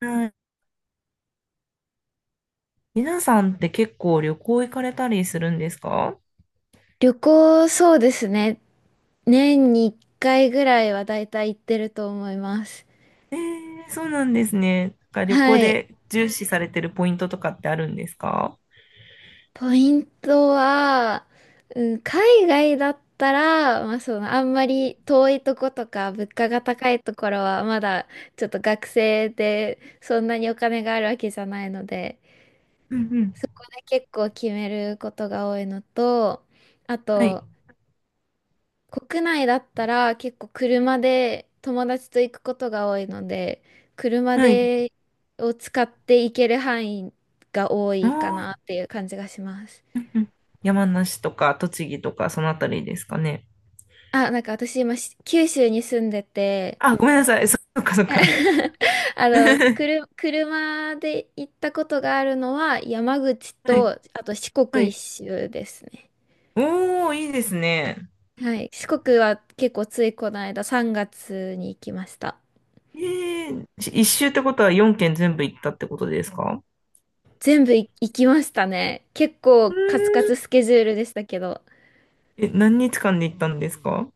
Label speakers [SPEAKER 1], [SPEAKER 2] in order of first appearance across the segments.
[SPEAKER 1] はい。皆さんって結構旅行行かれたりするんですか？
[SPEAKER 2] 旅行、そうですね。年に1回ぐらいはだいたい行ってると思います。
[SPEAKER 1] ええー、そうなんですね。なんか旅
[SPEAKER 2] は
[SPEAKER 1] 行
[SPEAKER 2] い。
[SPEAKER 1] で重視されてるポイントとかってあるんですか？
[SPEAKER 2] ポイントは、うん、海外だったら、まあ、あんまり遠いとことか、物価が高いところは、まだちょっと学生で、そんなにお金があるわけじゃないので、
[SPEAKER 1] うんうん。
[SPEAKER 2] そこで結構決めることが多いのと、あ
[SPEAKER 1] はい。
[SPEAKER 2] と、国内だったら結構車で友達と行くことが多いので、車
[SPEAKER 1] はい。
[SPEAKER 2] でを使って行ける範囲が多
[SPEAKER 1] あ
[SPEAKER 2] いかな
[SPEAKER 1] あ、
[SPEAKER 2] っていう感じがします。
[SPEAKER 1] うんうん。山梨とか栃木とかそのあたりですかね。
[SPEAKER 2] あ、なんか私今九州に住んでて、
[SPEAKER 1] あ、ごめんなさい。そそっかそっか。は
[SPEAKER 2] 車で行ったことがあるのは山口
[SPEAKER 1] い。
[SPEAKER 2] と、あと四
[SPEAKER 1] は
[SPEAKER 2] 国一
[SPEAKER 1] い。
[SPEAKER 2] 周ですね。
[SPEAKER 1] おー、いいですね。
[SPEAKER 2] はい。四国は結構ついこの間3月に行きました。
[SPEAKER 1] ええー、し一周ってことは4県全部行ったってことですか？
[SPEAKER 2] 全部行きましたね。結
[SPEAKER 1] う
[SPEAKER 2] 構カツカ
[SPEAKER 1] ー
[SPEAKER 2] ツ
[SPEAKER 1] ん。
[SPEAKER 2] スケジュールでしたけど、
[SPEAKER 1] え、何日間で行ったんですか？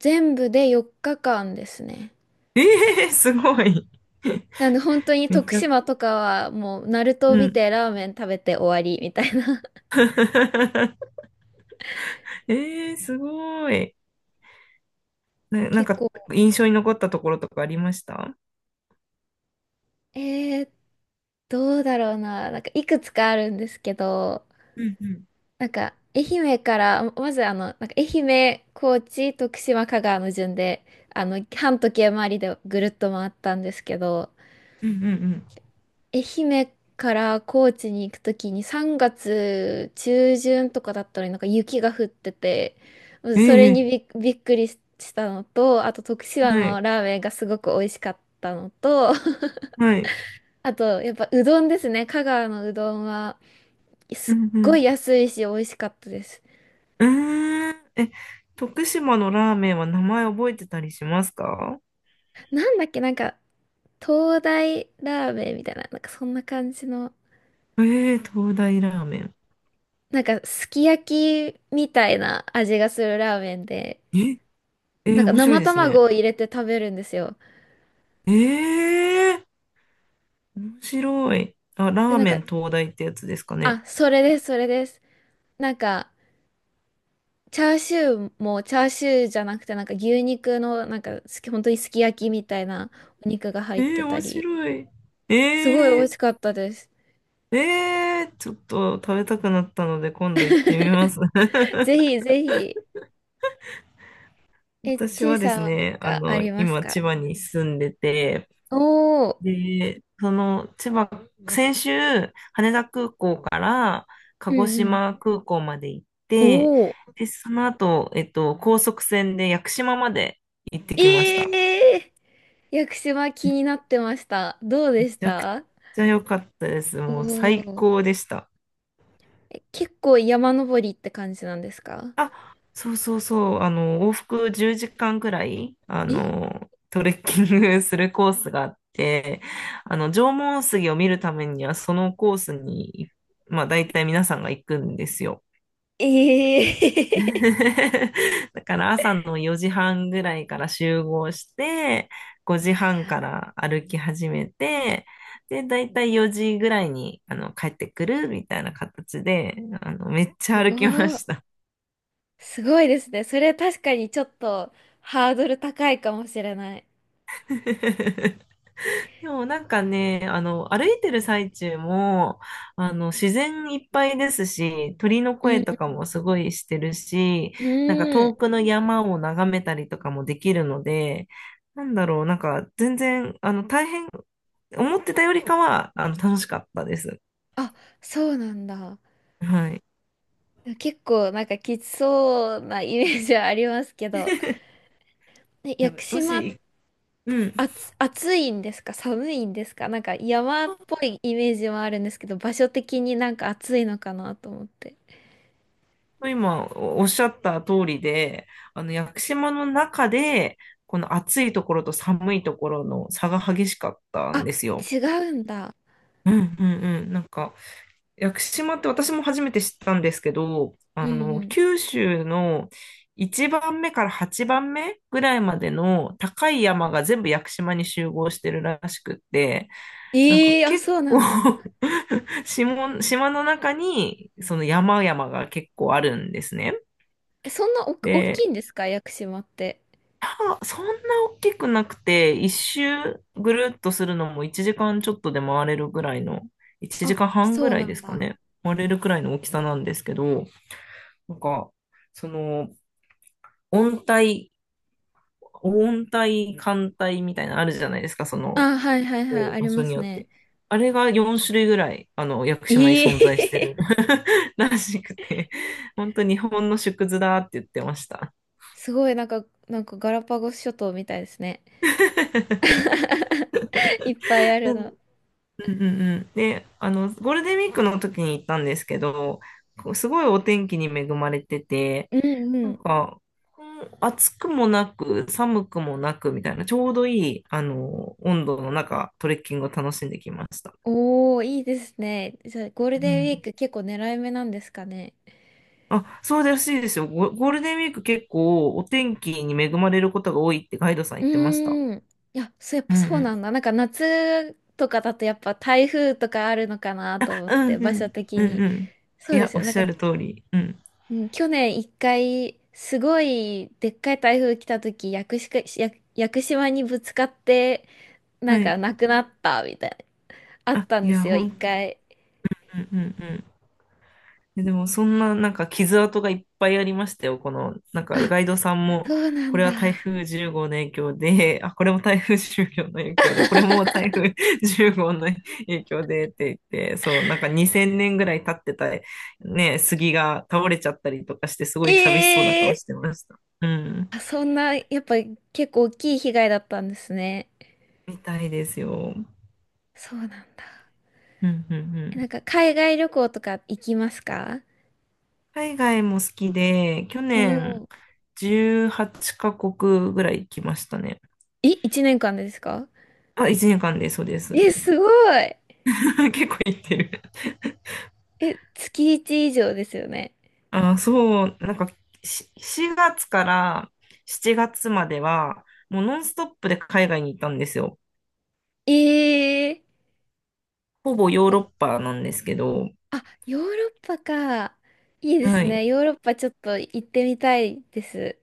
[SPEAKER 2] 全部で4日間ですね。
[SPEAKER 1] ええー、すごい。
[SPEAKER 2] なんで本当に
[SPEAKER 1] めっ
[SPEAKER 2] 徳
[SPEAKER 1] ちゃ、
[SPEAKER 2] 島とかはもうナルトを
[SPEAKER 1] う
[SPEAKER 2] 見
[SPEAKER 1] ん。
[SPEAKER 2] てラーメン食べて終わりみたいな。
[SPEAKER 1] えー、すごい。な、なん
[SPEAKER 2] 結
[SPEAKER 1] か、
[SPEAKER 2] 構、
[SPEAKER 1] 印象に残ったところとかありました？
[SPEAKER 2] えー、どうだろうな。なんかいくつかあるんですけど、
[SPEAKER 1] うんうん。
[SPEAKER 2] なんか愛媛から、ままず愛媛、高知、徳島、香川の順で、半時計回りでぐるっと回ったんですけど、
[SPEAKER 1] うんうん
[SPEAKER 2] 愛媛から高知に行くときに3月中旬とかだったのになんか雪が降ってて、うん、
[SPEAKER 1] う
[SPEAKER 2] それ
[SPEAKER 1] ん。え
[SPEAKER 2] に
[SPEAKER 1] え
[SPEAKER 2] びっくりしたのと、あと徳島
[SPEAKER 1] はい。
[SPEAKER 2] のラーメンがすごく美味しかったのと、
[SPEAKER 1] はい。
[SPEAKER 2] あとやっぱうどんですね。香川のうどんは
[SPEAKER 1] う
[SPEAKER 2] すっ
[SPEAKER 1] んう
[SPEAKER 2] ごい
[SPEAKER 1] ん。
[SPEAKER 2] 安いし美味しかったです。
[SPEAKER 1] うーん。え、徳島のラーメンは名前覚えてたりしますか？
[SPEAKER 2] なんだっけ、なんか東大ラーメンみたいな、なんかそんな感じの、
[SPEAKER 1] ええ東大ラーメン。
[SPEAKER 2] なんかすき焼きみたいな味がするラーメンで、
[SPEAKER 1] え、え
[SPEAKER 2] なん
[SPEAKER 1] ー
[SPEAKER 2] か
[SPEAKER 1] 面白い
[SPEAKER 2] 生
[SPEAKER 1] です
[SPEAKER 2] 卵
[SPEAKER 1] ね。
[SPEAKER 2] を入れて食べるんですよ。
[SPEAKER 1] ええ面白い。あ、
[SPEAKER 2] で、
[SPEAKER 1] ラー
[SPEAKER 2] なん
[SPEAKER 1] メ
[SPEAKER 2] か、
[SPEAKER 1] ン東大ってやつですかね。
[SPEAKER 2] あ、それです、それです。なんか、チャーシューもチャーシューじゃなくて、なんか牛肉の、なんか、本当にすき焼きみたいなお肉が入っ
[SPEAKER 1] え
[SPEAKER 2] て
[SPEAKER 1] え
[SPEAKER 2] た
[SPEAKER 1] 面
[SPEAKER 2] り、
[SPEAKER 1] 白い。
[SPEAKER 2] すごい
[SPEAKER 1] え
[SPEAKER 2] 美味
[SPEAKER 1] え
[SPEAKER 2] しかったです。
[SPEAKER 1] えー、ちょっと食べたくなったので今度行ってみます。
[SPEAKER 2] ぜひぜひ。え、
[SPEAKER 1] 私
[SPEAKER 2] ちい
[SPEAKER 1] はで
[SPEAKER 2] さ
[SPEAKER 1] す
[SPEAKER 2] んはなん
[SPEAKER 1] ね、
[SPEAKER 2] かあります
[SPEAKER 1] 今
[SPEAKER 2] か？
[SPEAKER 1] 千葉に住んでて、
[SPEAKER 2] おー、
[SPEAKER 1] で、その千葉、先週羽田空港から鹿
[SPEAKER 2] う
[SPEAKER 1] 児
[SPEAKER 2] ん
[SPEAKER 1] 島空港まで行っ
[SPEAKER 2] うん。
[SPEAKER 1] て、
[SPEAKER 2] おー、
[SPEAKER 1] で、その後、高速船で屋久島まで行って
[SPEAKER 2] え
[SPEAKER 1] きました。
[SPEAKER 2] ー、屋久島気になってました。どう
[SPEAKER 1] め
[SPEAKER 2] でし
[SPEAKER 1] ちゃく
[SPEAKER 2] た？
[SPEAKER 1] ちゃ良かったです。
[SPEAKER 2] お
[SPEAKER 1] もう最
[SPEAKER 2] ー、
[SPEAKER 1] 高でした。
[SPEAKER 2] え、結構山登りって感じなんですか？
[SPEAKER 1] あ、そうそうそう、往復10時間くらい、
[SPEAKER 2] え
[SPEAKER 1] トレッキングするコースがあって、縄文杉を見るためには、そのコースに、まあ、大体皆さんが行くんですよ。
[SPEAKER 2] ええ。
[SPEAKER 1] だから朝の4時半ぐらいから集合して、5時半から歩き始めて、で、だいたい4時ぐらいに、帰ってくるみたいな形で、めっ ち
[SPEAKER 2] す
[SPEAKER 1] ゃ歩きま
[SPEAKER 2] ごい。
[SPEAKER 1] した。
[SPEAKER 2] すごいですね。それ確かにちょっとハードル高いかもしれない。
[SPEAKER 1] でもなんかね、歩いてる最中も、自然いっぱいですし、鳥の
[SPEAKER 2] う
[SPEAKER 1] 声
[SPEAKER 2] ん
[SPEAKER 1] とかもすごいしてるし、
[SPEAKER 2] うん。
[SPEAKER 1] なんか
[SPEAKER 2] うー
[SPEAKER 1] 遠
[SPEAKER 2] ん。
[SPEAKER 1] くの山を眺めたりとかもできるので、なんだろう、なんか全然、大変、思ってたよりかは、楽しかったです。
[SPEAKER 2] あ、そうなんだ。
[SPEAKER 1] はい。
[SPEAKER 2] 結構なんかきつそうなイメージはありますけど。ね、屋
[SPEAKER 1] でも
[SPEAKER 2] 久
[SPEAKER 1] も
[SPEAKER 2] 島、
[SPEAKER 1] し、うん、
[SPEAKER 2] 暑いんですか、寒いんですか？なんか山っぽいイメージもあるんですけど、場所的になんか暑いのかなと思って。
[SPEAKER 1] 今おおっしゃった通りで、屋久島の中で、この暑いところと寒いところの差が激しかったん
[SPEAKER 2] あ、
[SPEAKER 1] ですよ。
[SPEAKER 2] 違うんだ。
[SPEAKER 1] うんうんうん。なんか、屋久島って私も初めて知ったんですけど、
[SPEAKER 2] うんうん。
[SPEAKER 1] 九州の1番目から8番目ぐらいまでの高い山が全部屋久島に集合してるらしくって、なんか
[SPEAKER 2] ええ。あ、
[SPEAKER 1] 結
[SPEAKER 2] そうな
[SPEAKER 1] 構
[SPEAKER 2] んだ。
[SPEAKER 1] 島、島の中にその山々が結構あるんですね。
[SPEAKER 2] え、そんな大
[SPEAKER 1] で、
[SPEAKER 2] きいんですか、屋久島って？
[SPEAKER 1] あ、そんな大きくなくて、一周ぐるっとするのも1時間ちょっとで回れるぐらいの、1
[SPEAKER 2] あ、
[SPEAKER 1] 時間半ぐ
[SPEAKER 2] そう
[SPEAKER 1] ら
[SPEAKER 2] な
[SPEAKER 1] いで
[SPEAKER 2] ん
[SPEAKER 1] すか
[SPEAKER 2] だ。
[SPEAKER 1] ね。回れるくらいの大きさなんですけど、なんか、その、温帯、温帯、寒帯みたいなのあるじゃないですか、その、
[SPEAKER 2] あ、はいはいはい、
[SPEAKER 1] こ
[SPEAKER 2] あ
[SPEAKER 1] う場
[SPEAKER 2] り
[SPEAKER 1] 所
[SPEAKER 2] ま
[SPEAKER 1] に
[SPEAKER 2] す
[SPEAKER 1] よっ
[SPEAKER 2] ね。
[SPEAKER 1] て。あれが4種類ぐらい、屋久島に
[SPEAKER 2] え
[SPEAKER 1] 存在してる
[SPEAKER 2] え。
[SPEAKER 1] らしくて、本当日本の縮図だって言ってました。
[SPEAKER 2] すごい、なんか、ガラパゴス諸島みたいですね。いっぱいあるの。
[SPEAKER 1] うんうんうん。で、ゴールデンウィークの時に行ったんですけど、こうすごいお天気に恵まれてて、
[SPEAKER 2] うんう
[SPEAKER 1] なん
[SPEAKER 2] ん。
[SPEAKER 1] か、こう暑くもなく、寒くもなくみたいな、ちょうどいい、温度の中、トレッキングを楽しんできました。
[SPEAKER 2] おー、いいですね。じゃあ、ゴール
[SPEAKER 1] う
[SPEAKER 2] デンウィー
[SPEAKER 1] ん。
[SPEAKER 2] ク結構狙い目なんですかね。
[SPEAKER 1] あ、そうらしいですよ。ゴゴールデンウィーク結構お天気に恵まれることが多いってガイドさん言
[SPEAKER 2] う
[SPEAKER 1] ってました。
[SPEAKER 2] ーん。いや、そう、やっ
[SPEAKER 1] う
[SPEAKER 2] ぱ
[SPEAKER 1] んう
[SPEAKER 2] そうなん
[SPEAKER 1] ん。
[SPEAKER 2] だ。なんか夏とかだとやっぱ台風とかあるのかなと思っ
[SPEAKER 1] うん
[SPEAKER 2] て、
[SPEAKER 1] う
[SPEAKER 2] 場所
[SPEAKER 1] ん、
[SPEAKER 2] 的
[SPEAKER 1] うん
[SPEAKER 2] に。
[SPEAKER 1] うん。
[SPEAKER 2] そ
[SPEAKER 1] い
[SPEAKER 2] うで
[SPEAKER 1] や、
[SPEAKER 2] す
[SPEAKER 1] おっ
[SPEAKER 2] よ。なん
[SPEAKER 1] し
[SPEAKER 2] か
[SPEAKER 1] ゃる通り。うん。
[SPEAKER 2] うん、去年一回、すごいでっかい台風来た時、屋久島、屋屋久島にぶつかって、な
[SPEAKER 1] は
[SPEAKER 2] ん
[SPEAKER 1] い。
[SPEAKER 2] か亡くなったみたいな、あっ
[SPEAKER 1] あ、
[SPEAKER 2] たん
[SPEAKER 1] い
[SPEAKER 2] で
[SPEAKER 1] や、
[SPEAKER 2] すよ、一
[SPEAKER 1] 本当。
[SPEAKER 2] 回。
[SPEAKER 1] うんうんででも、そんななんか傷跡がいっぱいありましたよ。この、なんか
[SPEAKER 2] あ、
[SPEAKER 1] ガイドさんも、
[SPEAKER 2] そうな
[SPEAKER 1] こ
[SPEAKER 2] ん
[SPEAKER 1] れは台
[SPEAKER 2] だ。
[SPEAKER 1] 風10号の影響で、あ、これも台風10号の影響で、これも台風10号の影響でって言って、そう、なんか2000年ぐらい経ってた、ね、杉が倒れちゃったりとかして、すごい寂しそうな顔
[SPEAKER 2] ええ。
[SPEAKER 1] してました。うん。
[SPEAKER 2] あ、そんな、やっぱ結構大きい被害だったんですね。
[SPEAKER 1] みたいですよ。
[SPEAKER 2] そうなんだ。
[SPEAKER 1] うん、うん、う
[SPEAKER 2] なん
[SPEAKER 1] ん。
[SPEAKER 2] か海外旅行とか行きますか？
[SPEAKER 1] 海外も好きで、去
[SPEAKER 2] おお
[SPEAKER 1] 年
[SPEAKER 2] ー。
[SPEAKER 1] 18カ国ぐらい来ましたね。
[SPEAKER 2] え、1年間でですか？
[SPEAKER 1] あ、1年間で、そうです、そう
[SPEAKER 2] え、
[SPEAKER 1] です。
[SPEAKER 2] すごい。
[SPEAKER 1] 結構行ってる。
[SPEAKER 2] え、月1以上ですよね。
[SPEAKER 1] あー、そう、なんかし4月から7月までは、もうノンストップで海外に行ったんですよ。
[SPEAKER 2] ええ。
[SPEAKER 1] ほぼヨーロッパなんですけど、
[SPEAKER 2] あ、ヨーロッパか。いいです
[SPEAKER 1] はい。
[SPEAKER 2] ね。ヨーロッパちょっと行ってみたいです。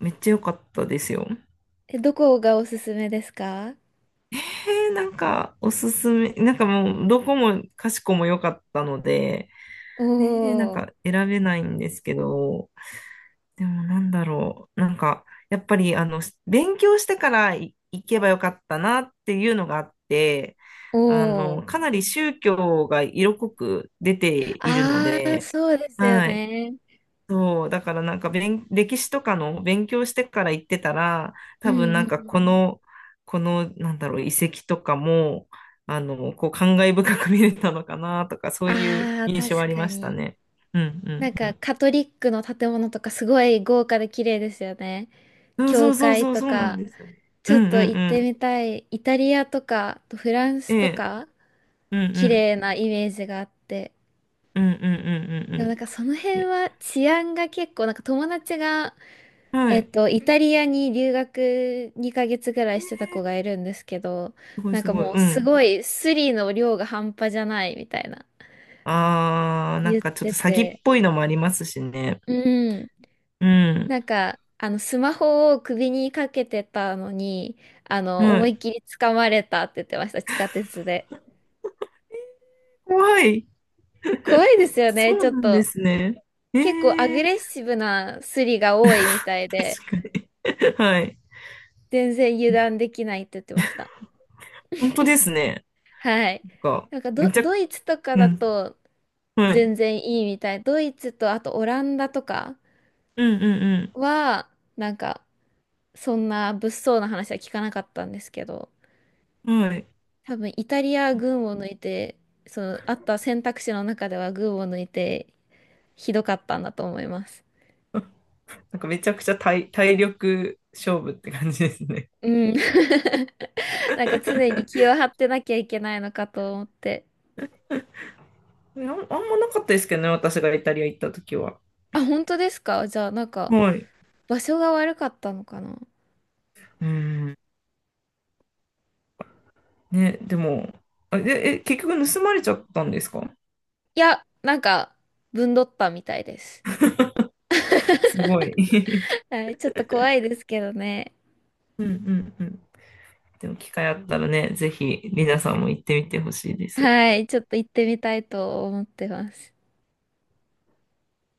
[SPEAKER 1] めっちゃ良かったですよ。
[SPEAKER 2] え、どこがおすすめですか？
[SPEAKER 1] えー、なんかおすすめ、なんかもうどこもかしこも良かったので、えー、なん
[SPEAKER 2] お
[SPEAKER 1] か
[SPEAKER 2] ー、
[SPEAKER 1] 選べないんですけど、でもなんだろう。なんか、やっぱり、勉強してからい行けばよかったなっていうのがあって、
[SPEAKER 2] おー。
[SPEAKER 1] かなり宗教が色濃く出ているの
[SPEAKER 2] あー、
[SPEAKER 1] で、
[SPEAKER 2] そうですよ
[SPEAKER 1] はい。
[SPEAKER 2] ね。
[SPEAKER 1] そう、だからなんか勉、歴史とかの勉強してから行ってたら、
[SPEAKER 2] う
[SPEAKER 1] 多
[SPEAKER 2] ん
[SPEAKER 1] 分
[SPEAKER 2] うん
[SPEAKER 1] な
[SPEAKER 2] う
[SPEAKER 1] んかこ
[SPEAKER 2] ん。
[SPEAKER 1] の、この、なんだろう、遺跡とかも、こう、感慨深く見れたのかなとか、そういう
[SPEAKER 2] あー、
[SPEAKER 1] 印象あ
[SPEAKER 2] 確
[SPEAKER 1] り
[SPEAKER 2] か
[SPEAKER 1] ました
[SPEAKER 2] に。
[SPEAKER 1] ね。うんう
[SPEAKER 2] なん
[SPEAKER 1] んう
[SPEAKER 2] か、
[SPEAKER 1] ん。
[SPEAKER 2] カトリックの建物とかすごい豪華で綺麗ですよね。
[SPEAKER 1] そうそ
[SPEAKER 2] 教
[SPEAKER 1] うそう
[SPEAKER 2] 会
[SPEAKER 1] そう、
[SPEAKER 2] と
[SPEAKER 1] そうなん
[SPEAKER 2] か。
[SPEAKER 1] ですよね。
[SPEAKER 2] ち
[SPEAKER 1] う
[SPEAKER 2] ょ
[SPEAKER 1] ん
[SPEAKER 2] っ
[SPEAKER 1] う
[SPEAKER 2] と
[SPEAKER 1] ん
[SPEAKER 2] 行っ
[SPEAKER 1] う
[SPEAKER 2] て
[SPEAKER 1] ん。
[SPEAKER 2] みたい。イタリアとか、あとフラン
[SPEAKER 1] え
[SPEAKER 2] スと
[SPEAKER 1] え、
[SPEAKER 2] か、
[SPEAKER 1] うんう
[SPEAKER 2] 綺
[SPEAKER 1] ん。
[SPEAKER 2] 麗なイメージがあって。
[SPEAKER 1] うんうんうんうん
[SPEAKER 2] でもなんかその
[SPEAKER 1] うん。
[SPEAKER 2] 辺
[SPEAKER 1] え
[SPEAKER 2] は治安が結構なんか友達が、
[SPEAKER 1] はい。
[SPEAKER 2] イタリアに留学2ヶ月ぐらいしてた子がいるんですけど、
[SPEAKER 1] すごい
[SPEAKER 2] なん
[SPEAKER 1] す
[SPEAKER 2] か
[SPEAKER 1] ごい。
[SPEAKER 2] もう
[SPEAKER 1] う
[SPEAKER 2] す
[SPEAKER 1] ん。
[SPEAKER 2] ごいスリの量が半端じゃないみたいな
[SPEAKER 1] あー、なん
[SPEAKER 2] 言っ
[SPEAKER 1] かちょっ
[SPEAKER 2] て
[SPEAKER 1] と詐欺
[SPEAKER 2] て、
[SPEAKER 1] っぽいのもありますしね。
[SPEAKER 2] うん。
[SPEAKER 1] う
[SPEAKER 2] な
[SPEAKER 1] ん。
[SPEAKER 2] んかあのスマホを首にかけてたのに、
[SPEAKER 1] は
[SPEAKER 2] 思い
[SPEAKER 1] い。
[SPEAKER 2] っきり掴まれたって言ってました、地下鉄で。
[SPEAKER 1] 怖い。
[SPEAKER 2] 怖いですよ
[SPEAKER 1] そ
[SPEAKER 2] ね、ちょ
[SPEAKER 1] う
[SPEAKER 2] っ
[SPEAKER 1] なんで
[SPEAKER 2] と。
[SPEAKER 1] すね。え
[SPEAKER 2] 結構アグ
[SPEAKER 1] え、
[SPEAKER 2] レッシブなスリが多いみたいで、
[SPEAKER 1] 確かに。はい。
[SPEAKER 2] 全然油断できないって言ってました。
[SPEAKER 1] 本当ですね。
[SPEAKER 2] はい。
[SPEAKER 1] なんか、
[SPEAKER 2] なんか
[SPEAKER 1] めちゃ、
[SPEAKER 2] ドイツとか
[SPEAKER 1] う
[SPEAKER 2] だ
[SPEAKER 1] ん。
[SPEAKER 2] と
[SPEAKER 1] はい。
[SPEAKER 2] 全然いいみたい。ドイツとあとオランダとか
[SPEAKER 1] うんうん
[SPEAKER 2] は、なんかそんな物騒な話は聞かなかったんですけど、
[SPEAKER 1] うん。はい。
[SPEAKER 2] 多分イタリア群を抜いて、そのあった選択肢の中では群を抜いてひどかったんだと思います。
[SPEAKER 1] なんかめちゃくちゃ体、体力勝負って感じですね。
[SPEAKER 2] うん。なんか常 に気を張ってなきゃいけないのかと思って。
[SPEAKER 1] あん、あんまなかったですけどね、私がイタリア行った時は。
[SPEAKER 2] あ、本当ですか？じゃあなんか
[SPEAKER 1] はい。
[SPEAKER 2] 場所が悪かったのかな？
[SPEAKER 1] うん。ね、でも、あ、で、え、結局盗まれちゃったんですか？
[SPEAKER 2] いや、なんかぶんどったみたいです。
[SPEAKER 1] すごい。
[SPEAKER 2] はい、ちょっと怖いですけどね。
[SPEAKER 1] うんうんうん。でも機会あったらね、ぜひ、リナさんも行ってみてほしいです。
[SPEAKER 2] はい、ちょっと行ってみたいと思ってます。